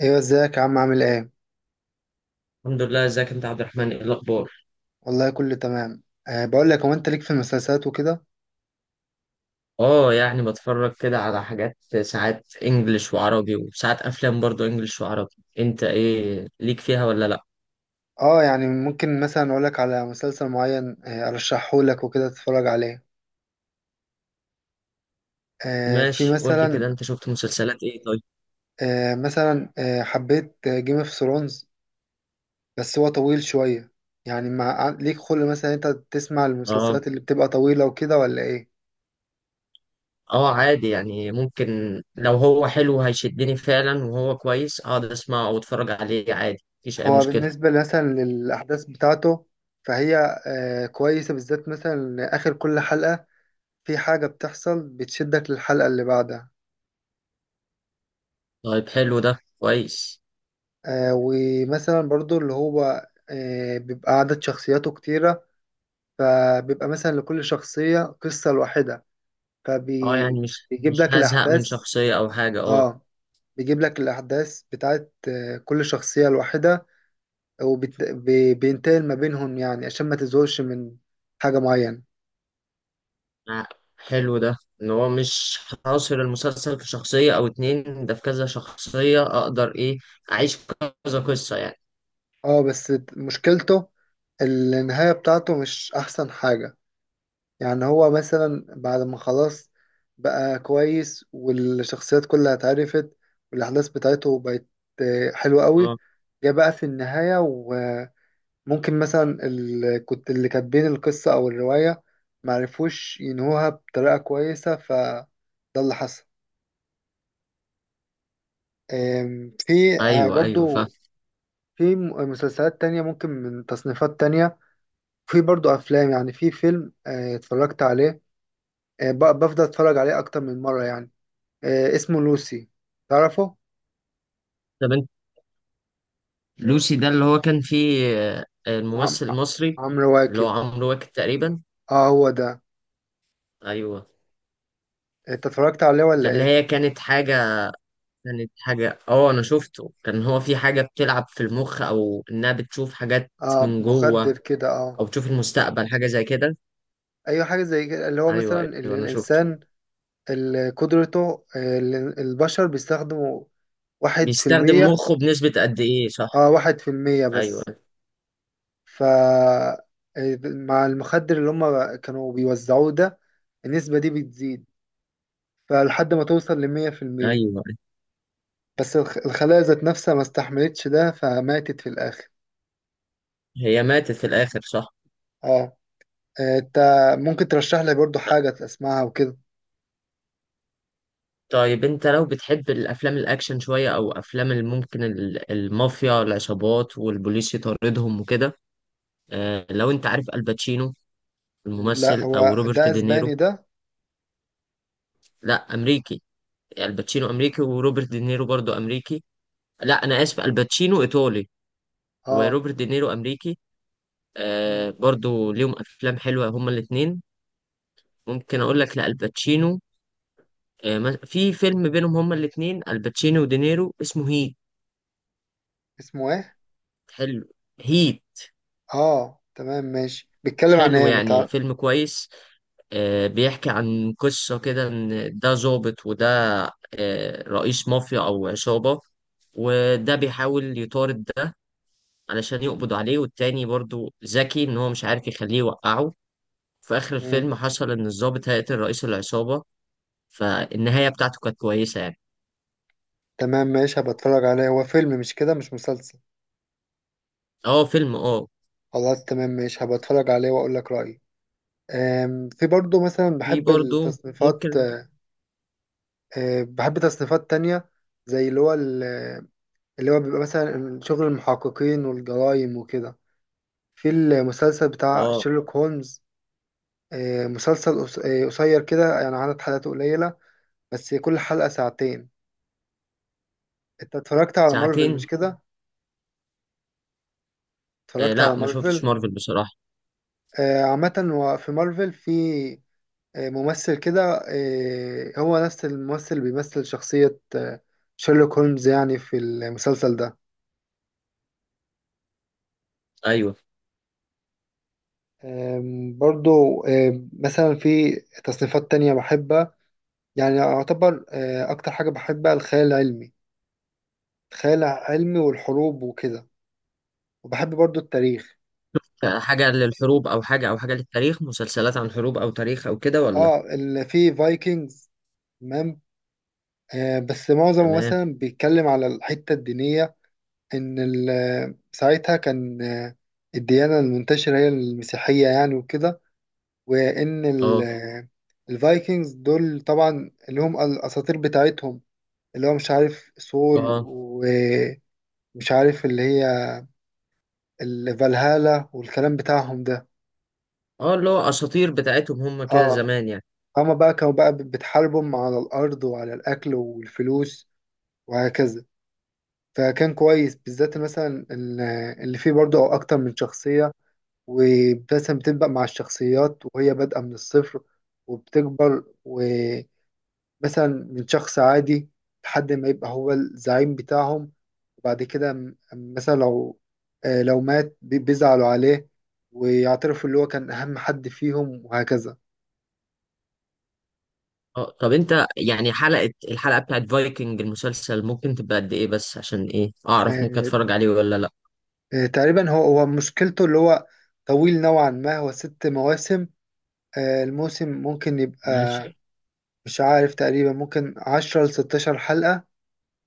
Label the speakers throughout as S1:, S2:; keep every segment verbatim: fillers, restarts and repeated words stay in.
S1: ايوه، ازيك يا عم؟ عامل ايه؟
S2: الحمد لله. ازيك انت يا عبد الرحمن؟ ايه الاخبار؟
S1: والله كله تمام. أه بقول لك، هو انت ليك في المسلسلات وكده؟
S2: اه يعني بتفرج كده على حاجات. ساعات انجليش وعربي وساعات افلام برضو انجليش وعربي. انت ايه ليك فيها ولا لا؟
S1: اه، يعني ممكن مثلا اقول لك على مسلسل معين، أه ارشحه لك وكده تتفرج عليه. أه في
S2: ماشي، قول لي
S1: مثلا.
S2: كده انت شفت مسلسلات ايه طيب.
S1: أه مثلا أه حبيت جيم اوف ثرونز، بس هو طويل شويه. يعني مع ليك خلق مثلا انت تسمع
S2: اه.
S1: المسلسلات اللي بتبقى طويله وكده، ولا ايه؟
S2: اه عادي يعني ممكن. لو هو حلو هيشدني فعلا وهو كويس اقعد اسمعه او اتفرج عليه عادي، مفيش اي
S1: هو
S2: مشكلة.
S1: بالنسبه مثلا للاحداث بتاعته، فهي أه كويسه، بالذات مثلا اخر كل حلقه في حاجة بتحصل بتشدك للحلقة اللي بعدها.
S2: طيب حلو، ده كويس.
S1: آه ومثلا برضو اللي هو آه بيبقى عدد شخصياته كتيرة، فبيبقى مثلا لكل شخصية قصة لوحدها،
S2: اه يعني مش
S1: فبيجيب
S2: مش
S1: لك
S2: هزهق من
S1: الأحداث.
S2: شخصية او حاجة، اه.
S1: اه، بيجيب لك الأحداث بتاعت آه كل شخصية لوحدها، وبينتقل ما بينهم، يعني عشان ما تزهقش من حاجة معينة.
S2: آه، حلو ده. ان هو مش حاصر المسلسل في شخصية او اتنين، ده في كذا شخصية اقدر ايه اعيش كذا قصة يعني.
S1: اه، بس مشكلته النهاية بتاعته مش أحسن حاجة. يعني هو مثلا بعد ما خلاص بقى كويس والشخصيات كلها اتعرفت والأحداث بتاعته بقت آه، حلوة قوي،
S2: اه
S1: جه بقى في النهاية وممكن مثلا ال... كنت اللي كاتبين القصة أو الرواية معرفوش ينهوها بطريقة كويسة، فده اللي حصل. آم، في آه،
S2: ايوه ايوه فاهم.
S1: برضو في م- مسلسلات تانية ممكن من تصنيفات تانية. في برضو أفلام، يعني في فيلم آه، اتفرجت عليه، آه، ب- بفضل أتفرج عليه أكتر من مرة، يعني. آه، اسمه لوسي، تعرفه؟
S2: طب انت، لوسي ده اللي هو كان فيه آه،
S1: عم...
S2: الممثل المصري
S1: عمرو
S2: اللي هو
S1: واكد.
S2: عمرو واكد تقريبا؟
S1: اه، هو ده.
S2: ايوه،
S1: انت اتفرجت عليه،
S2: ده
S1: ولا
S2: اللي
S1: ايه؟
S2: هي كانت حاجة. كانت حاجة، اه انا شفته، كان هو في حاجة بتلعب في المخ او انها بتشوف حاجات
S1: اه،
S2: من جوه
S1: مخدر كده، اه.
S2: او تشوف المستقبل، حاجة زي كده.
S1: ايوه، حاجه زي كده، اللي هو
S2: ايوه
S1: مثلا
S2: ايوه
S1: اللي
S2: انا شفته.
S1: الانسان، اللي قدرته، آه، اللي البشر بيستخدموا واحد في
S2: بيستخدم
S1: المية.
S2: مخه بنسبة قد ايه، صح؟
S1: اه، واحد في المية
S2: ايوه.
S1: بس. ف آه، مع المخدر اللي هم كانوا بيوزعوه ده، النسبة دي بتزيد، فلحد ما توصل لمية في المية،
S2: ايوه،
S1: بس الخ- الخلايا ذات نفسها ما استحملتش ده، فماتت في الآخر.
S2: هي ماتت في الاخر صح.
S1: اه. آه، انت ممكن ترشح لي برضو حاجة اسمعها وكده؟
S2: طيب انت لو بتحب الافلام الاكشن شويه او افلام اللي ممكن ال- المافيا العصابات والبوليس يطاردهم وكده. آه لو انت عارف الباتشينو
S1: لا،
S2: الممثل،
S1: هو
S2: او روبرت
S1: ده
S2: دينيرو.
S1: اسباني ده.
S2: لا، امريكي. الباتشينو امريكي وروبرت دينيرو برضو امريكي. لا انا اسف، الباتشينو ايطالي
S1: اه.
S2: وروبرت دينيرو امريكي. آه
S1: مم.
S2: برضو ليهم افلام حلوه هما الاثنين. ممكن اقول لك، لا الباتشينو، آه، ما- في فيلم بينهم هما الاثنين الباتشينو ودينيرو اسمه هيت.
S1: اسمه ايه؟
S2: حلو. هيت.
S1: اه، تمام ماشي، بيتكلم عن
S2: حلو
S1: ايه،
S2: يعني،
S1: متع...
S2: فيلم كويس. آه، بيحكي عن قصة كده إن ده ظابط وده آه، رئيس مافيا أو عصابة، وده بيحاول يطارد ده علشان يقبض عليه، والتاني برضو ذكي إن هو مش عارف يخليه يوقعه. في آخر
S1: مم.
S2: الفيلم حصل إن الظابط هيقتل رئيس العصابة. فالنهاية بتاعته كانت كويسة يعني.
S1: تمام ماشي، هبقى اتفرج عليه، هو فيلم مش كده، مش مسلسل؟
S2: اه فيلم اه.
S1: خلاص، تمام ماشي، هبقى اتفرج عليه واقول لك رأيي. آم، في برضو مثلا
S2: في
S1: بحب
S2: برضو
S1: التصنيفات.
S2: ممكن.
S1: آه، بحب تصنيفات تانية، زي اللي هو ال- اللي هو بيبقى مثلا شغل المحققين والجرائم وكده. في المسلسل بتاع
S2: اه.
S1: شيرلوك هولمز، آه، مسلسل قص- آه، قصير كده، يعني عدد حلقاته قليلة، بس كل حلقة ساعتين. انت اتفرجت على مارفل مش
S2: ساعتين.
S1: كده؟
S2: آه
S1: اتفرجت على
S2: لا ما شفتش
S1: مارفل.
S2: مارفل بصراحة.
S1: آه، عامة هو في مارفل في آه، ممثل كده، آه، هو نفس الممثل اللي بيمثل شخصية آه، شيرلوك هولمز، يعني في المسلسل ده.
S2: أيوه.
S1: آم، برضو آم، مثلا في تصنيفات تانية بحبها. يعني أعتبر آه، أكتر حاجة بحبها الخيال العلمي، الخيال العلمي والحروب وكده، وبحب برضو التاريخ.
S2: حاجة للحروب أو حاجة أو حاجة للتاريخ، مسلسلات عن حروب أو تاريخ أو كده ولا؟
S1: اه، اللي فيه فايكنجز، تمام. آه بس معظمه
S2: تمام.
S1: مثلا بيتكلم على الحتة الدينية، ان ال- ساعتها كان آه، الديانة المنتشرة هي المسيحية، يعني وكده، وان ال-
S2: اه.
S1: آه، الفايكنجز دول طبعا، اللي هم الاساطير بتاعتهم، اللي هو مش عارف سول
S2: اه.
S1: ومش عارف اللي هي الفالهالا والكلام بتاعهم ده.
S2: اه اللي هو أساطير بتاعتهم هم كده
S1: اه.
S2: زمان يعني.
S1: هما بقى كانوا بقى بتحاربهم على الارض وعلى الاكل والفلوس، وهكذا. فكان كويس بالذات مثلا ال- اللي فيه برضه او اكتر من شخصية، ومثلا بتبدأ مع الشخصيات وهي بادئة من الصفر وبتكبر، ومثلا من شخص عادي لحد ما يبقى هو الزعيم بتاعهم، وبعد كده م- مثلا لو آه، لو مات، بي- بيزعلوا عليه ويعترفوا اللي هو كان أهم حد فيهم، وهكذا.
S2: اه. طب أنت يعني حلقة الحلقة بتاعت فايكنج المسلسل ممكن تبقى قد إيه بس، عشان إيه أعرف ممكن
S1: آه،
S2: أتفرج عليه ولا لأ.
S1: آه، تقريبا هو هو مشكلته اللي هو طويل نوعا ما، هو ست مواسم، آه، الموسم ممكن يبقى،
S2: ماشي.
S1: مش عارف، تقريبا ممكن عشرة لستاشر حلقة،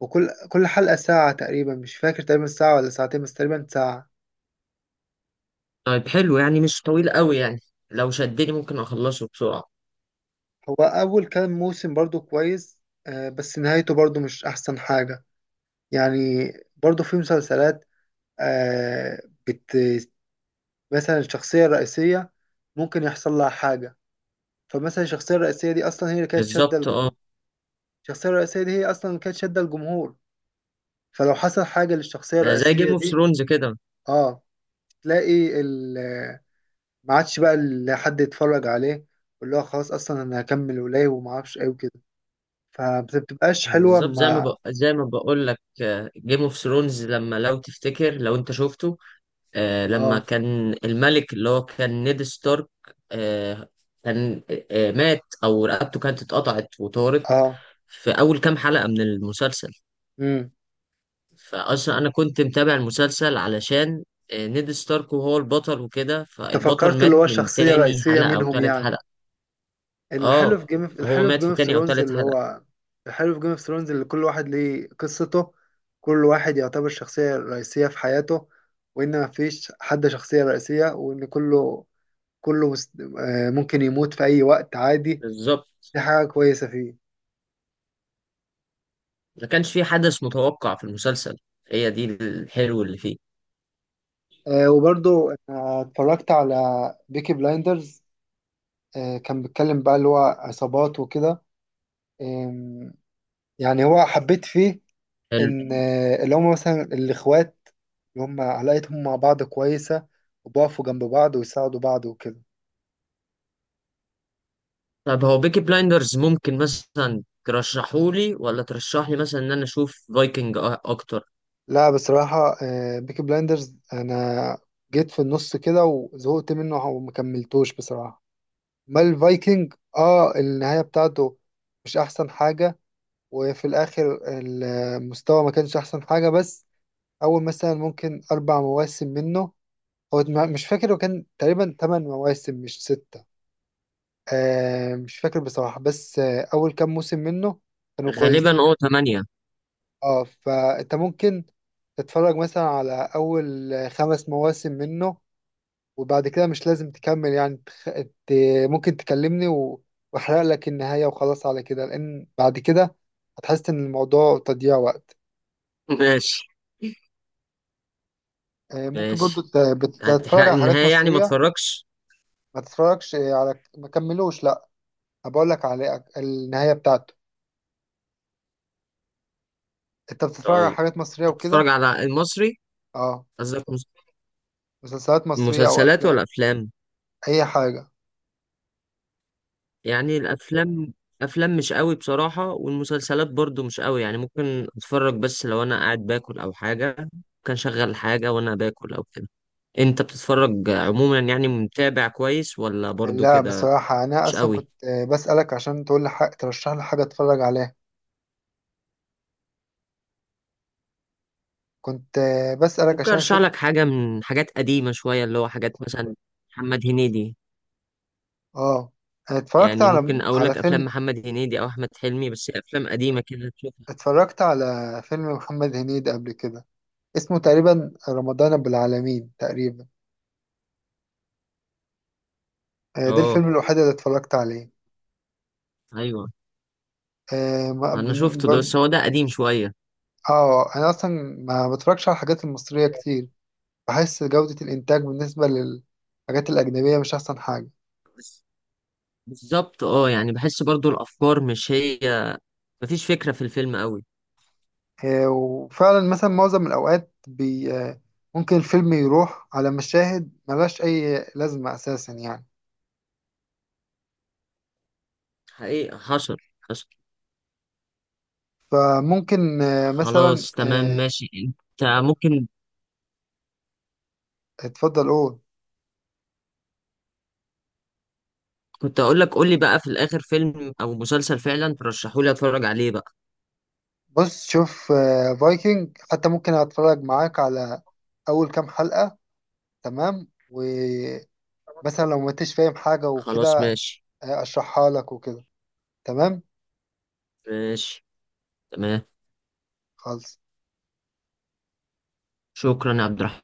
S1: وكل كل حلقة ساعة تقريبا، مش فاكر، تقريبا ساعة ولا ساعتين، بس تقريبا ساعة.
S2: طيب حلو، يعني مش طويل قوي يعني. لو شدني ممكن أخلصه بسرعة.
S1: هو أول كام موسم برضو كويس، آه، بس نهايته برضو مش أحسن حاجة، يعني. برضو في مسلسلات آه، بت مثلا الشخصية الرئيسية ممكن يحصل لها حاجة، فمثلا الشخصية الرئيسية دي أصلا هي اللي كانت شادة
S2: بالظبط
S1: الج-
S2: اه.
S1: الشخصية الرئيسية دي هي أصلا اللي كانت شادة الجمهور، فلو حصل حاجة للشخصية
S2: ده زي جيم
S1: الرئيسية
S2: اوف
S1: دي.
S2: ثرونز كده.
S1: اه، تلاقي ما عادش بقى ال- حد يتفرج عليه، واللي هو خلاص اصلا انا هكمل ولاي وما اعرفش ايه وكده، فبتبقاش حلوه
S2: بالظبط، زي ما
S1: ما.
S2: بق... زي ما بقول لك، جيم اوف ثرونز لما، لو تفتكر لو انت شفته، آه لما
S1: اه،
S2: كان الملك اللي هو كان نيد ستارك، آه كان آه مات او رقبته كانت اتقطعت وطارت
S1: اه.
S2: في اول كام حلقة من المسلسل.
S1: امم
S2: فاصلا انا كنت متابع المسلسل علشان آه نيد ستارك وهو البطل وكده،
S1: انت
S2: فالبطل
S1: فكرت اللي
S2: مات
S1: هو
S2: من
S1: الشخصيه
S2: تاني
S1: الرئيسيه
S2: حلقة او
S1: منهم،
S2: تالت
S1: يعني
S2: حلقة.
S1: الحلو
S2: اه.
S1: في جيم
S2: هو
S1: الحلو في
S2: مات
S1: جيم
S2: في
S1: اوف
S2: تاني او
S1: ثرونز
S2: تالت
S1: اللي
S2: حلقة.
S1: هو الحلو في جيم اوف ثرونز اللي كل واحد ليه قصته، كل واحد يعتبر شخصيه رئيسيه في حياته، وان ما فيش حد شخصيه رئيسيه، وان كله كله مست... آه، ممكن يموت في اي وقت عادي.
S2: بالظبط.
S1: دي حاجه كويسه فيه.
S2: ما كانش في حدث متوقع في المسلسل، هي دي الحلو اللي فيه.
S1: آه وبرضو أنا اتفرجت على بيكي بلايندرز، آه كان بيتكلم بقى اللي هو عصابات وكده. آم، يعني هو حبيت فيه إن آه اللي هم مثلا الإخوات، اللي هم علاقتهم مع بعض كويسة، وبقفوا جنب بعض ويساعدوا بعض وكده.
S2: طب هو بيكي بلايندرز ممكن مثلا ترشحولي ولا ترشحلي مثلا ان انا اشوف فايكنج أ- اكتر؟
S1: لا، بصراحة آه، بيكي بلايندرز أنا جيت في النص كده وزهقت منه وما كملتوش، بصراحة. ما الفايكنج اه النهاية بتاعته مش أحسن حاجة، وفي الآخر المستوى ما كانش أحسن حاجة، بس أول مثلا ممكن أربع مواسم منه، هو ما- مش فاكر، وكان تقريبا تمن مواسم مش ستة، آه مش فاكر بصراحة، بس آه أول كام موسم منه كانوا
S2: غالبا
S1: كويسين.
S2: اه تمانية.
S1: اه، فأنت ممكن تتفرج مثلا على أول خمس مواسم منه، وبعد كده مش لازم تكمل، يعني تخ... ت... ممكن تكلمني و... وأحرق لك النهاية، وخلاص على كده، لأن بعد كده هتحس إن الموضوع تضييع وقت.
S2: ماشي.
S1: آه، ممكن برضو
S2: ماشي،
S1: ت- بتتفرج
S2: هتحرق
S1: على
S2: لي
S1: حاجات
S2: النهاية يعني، ما
S1: مصرية؟
S2: اتفرجش.
S1: ما تتفرجش على ما كملوش لا، هبقول لك على النهاية بتاعته. انت بتتفرج على
S2: طيب
S1: حاجات مصرية
S2: انت بتتفرج
S1: وكده؟
S2: على المصري؟
S1: اه،
S2: قصدك مس-
S1: مسلسلات مصرية او
S2: مسلسلات ولا
S1: افلام،
S2: افلام؟
S1: اي حاجة.
S2: يعني الافلام، افلام مش قوي بصراحة، والمسلسلات برضو مش قوي، يعني ممكن اتفرج بس لو انا قاعد باكل او حاجة. كان شغل حاجة وانا باكل او كده. انت بتتفرج عموما، يعني متابع كويس ولا برضو
S1: لا،
S2: كده؟
S1: بصراحة انا
S2: مش
S1: اصلا
S2: قوي.
S1: كنت آه، بسألك عشان تقول لي حاجة، ترشح لي حاجة اتفرج عليها، كنت آه، بسألك
S2: ممكن
S1: عشان
S2: ارشح
S1: اشوف.
S2: لك حاجة من حاجات قديمة شوية، اللي هو حاجات مثلا محمد هنيدي.
S1: اه، اتفرجت
S2: يعني ممكن
S1: على
S2: اقول
S1: على
S2: لك افلام
S1: فيلم،
S2: محمد هنيدي او احمد حلمي، بس افلام قديمة كده تشوفها.
S1: اتفرجت على فيلم محمد هنيدي قبل كده، اسمه تقريبا رمضان بالعالمين تقريبا، آه، ده الفيلم
S2: اه
S1: الوحيد اللي اتفرجت عليه.
S2: ايوه،
S1: آه ما-
S2: انا
S1: بن-
S2: شفته ده،
S1: ب-
S2: بس هو ده قديم شوية.
S1: آه، انا اصلا ما بتفرجش على الحاجات المصرية كتير، بحس جودة الانتاج بالنسبة للحاجات الاجنبية مش احسن حاجة.
S2: بالظبط اه، يعني بحس برضو الافكار مش هي، مفيش فكره في الفيلم قوي.
S1: آه وفعلا مثلا معظم الاوقات بي آه ممكن الفيلم يروح على مشاهد ملهاش اي لازمة اساسا، يعني،
S2: حقيقة حصل. حصل.
S1: فممكن آه مثلا
S2: خلاص تمام
S1: آه
S2: ماشي. انت ممكن،
S1: اتفضل قول.
S2: كنت اقول لك، قول لي بقى في الاخر فيلم او مسلسل فعلا ترشحوا لي اتفرج عليه بقى.
S1: بص، شوف، آه فايكنج حتى ممكن اتفرج معاك على اول كام حلقة، تمام، ومثلا لو ما انتش فاهم حاجة
S2: خلاص
S1: وكده
S2: ماشي.
S1: اشرحها لك وكده. تمام،
S2: ماشي. تمام.
S1: خلاص.
S2: شكرا يا عبد الرحمن.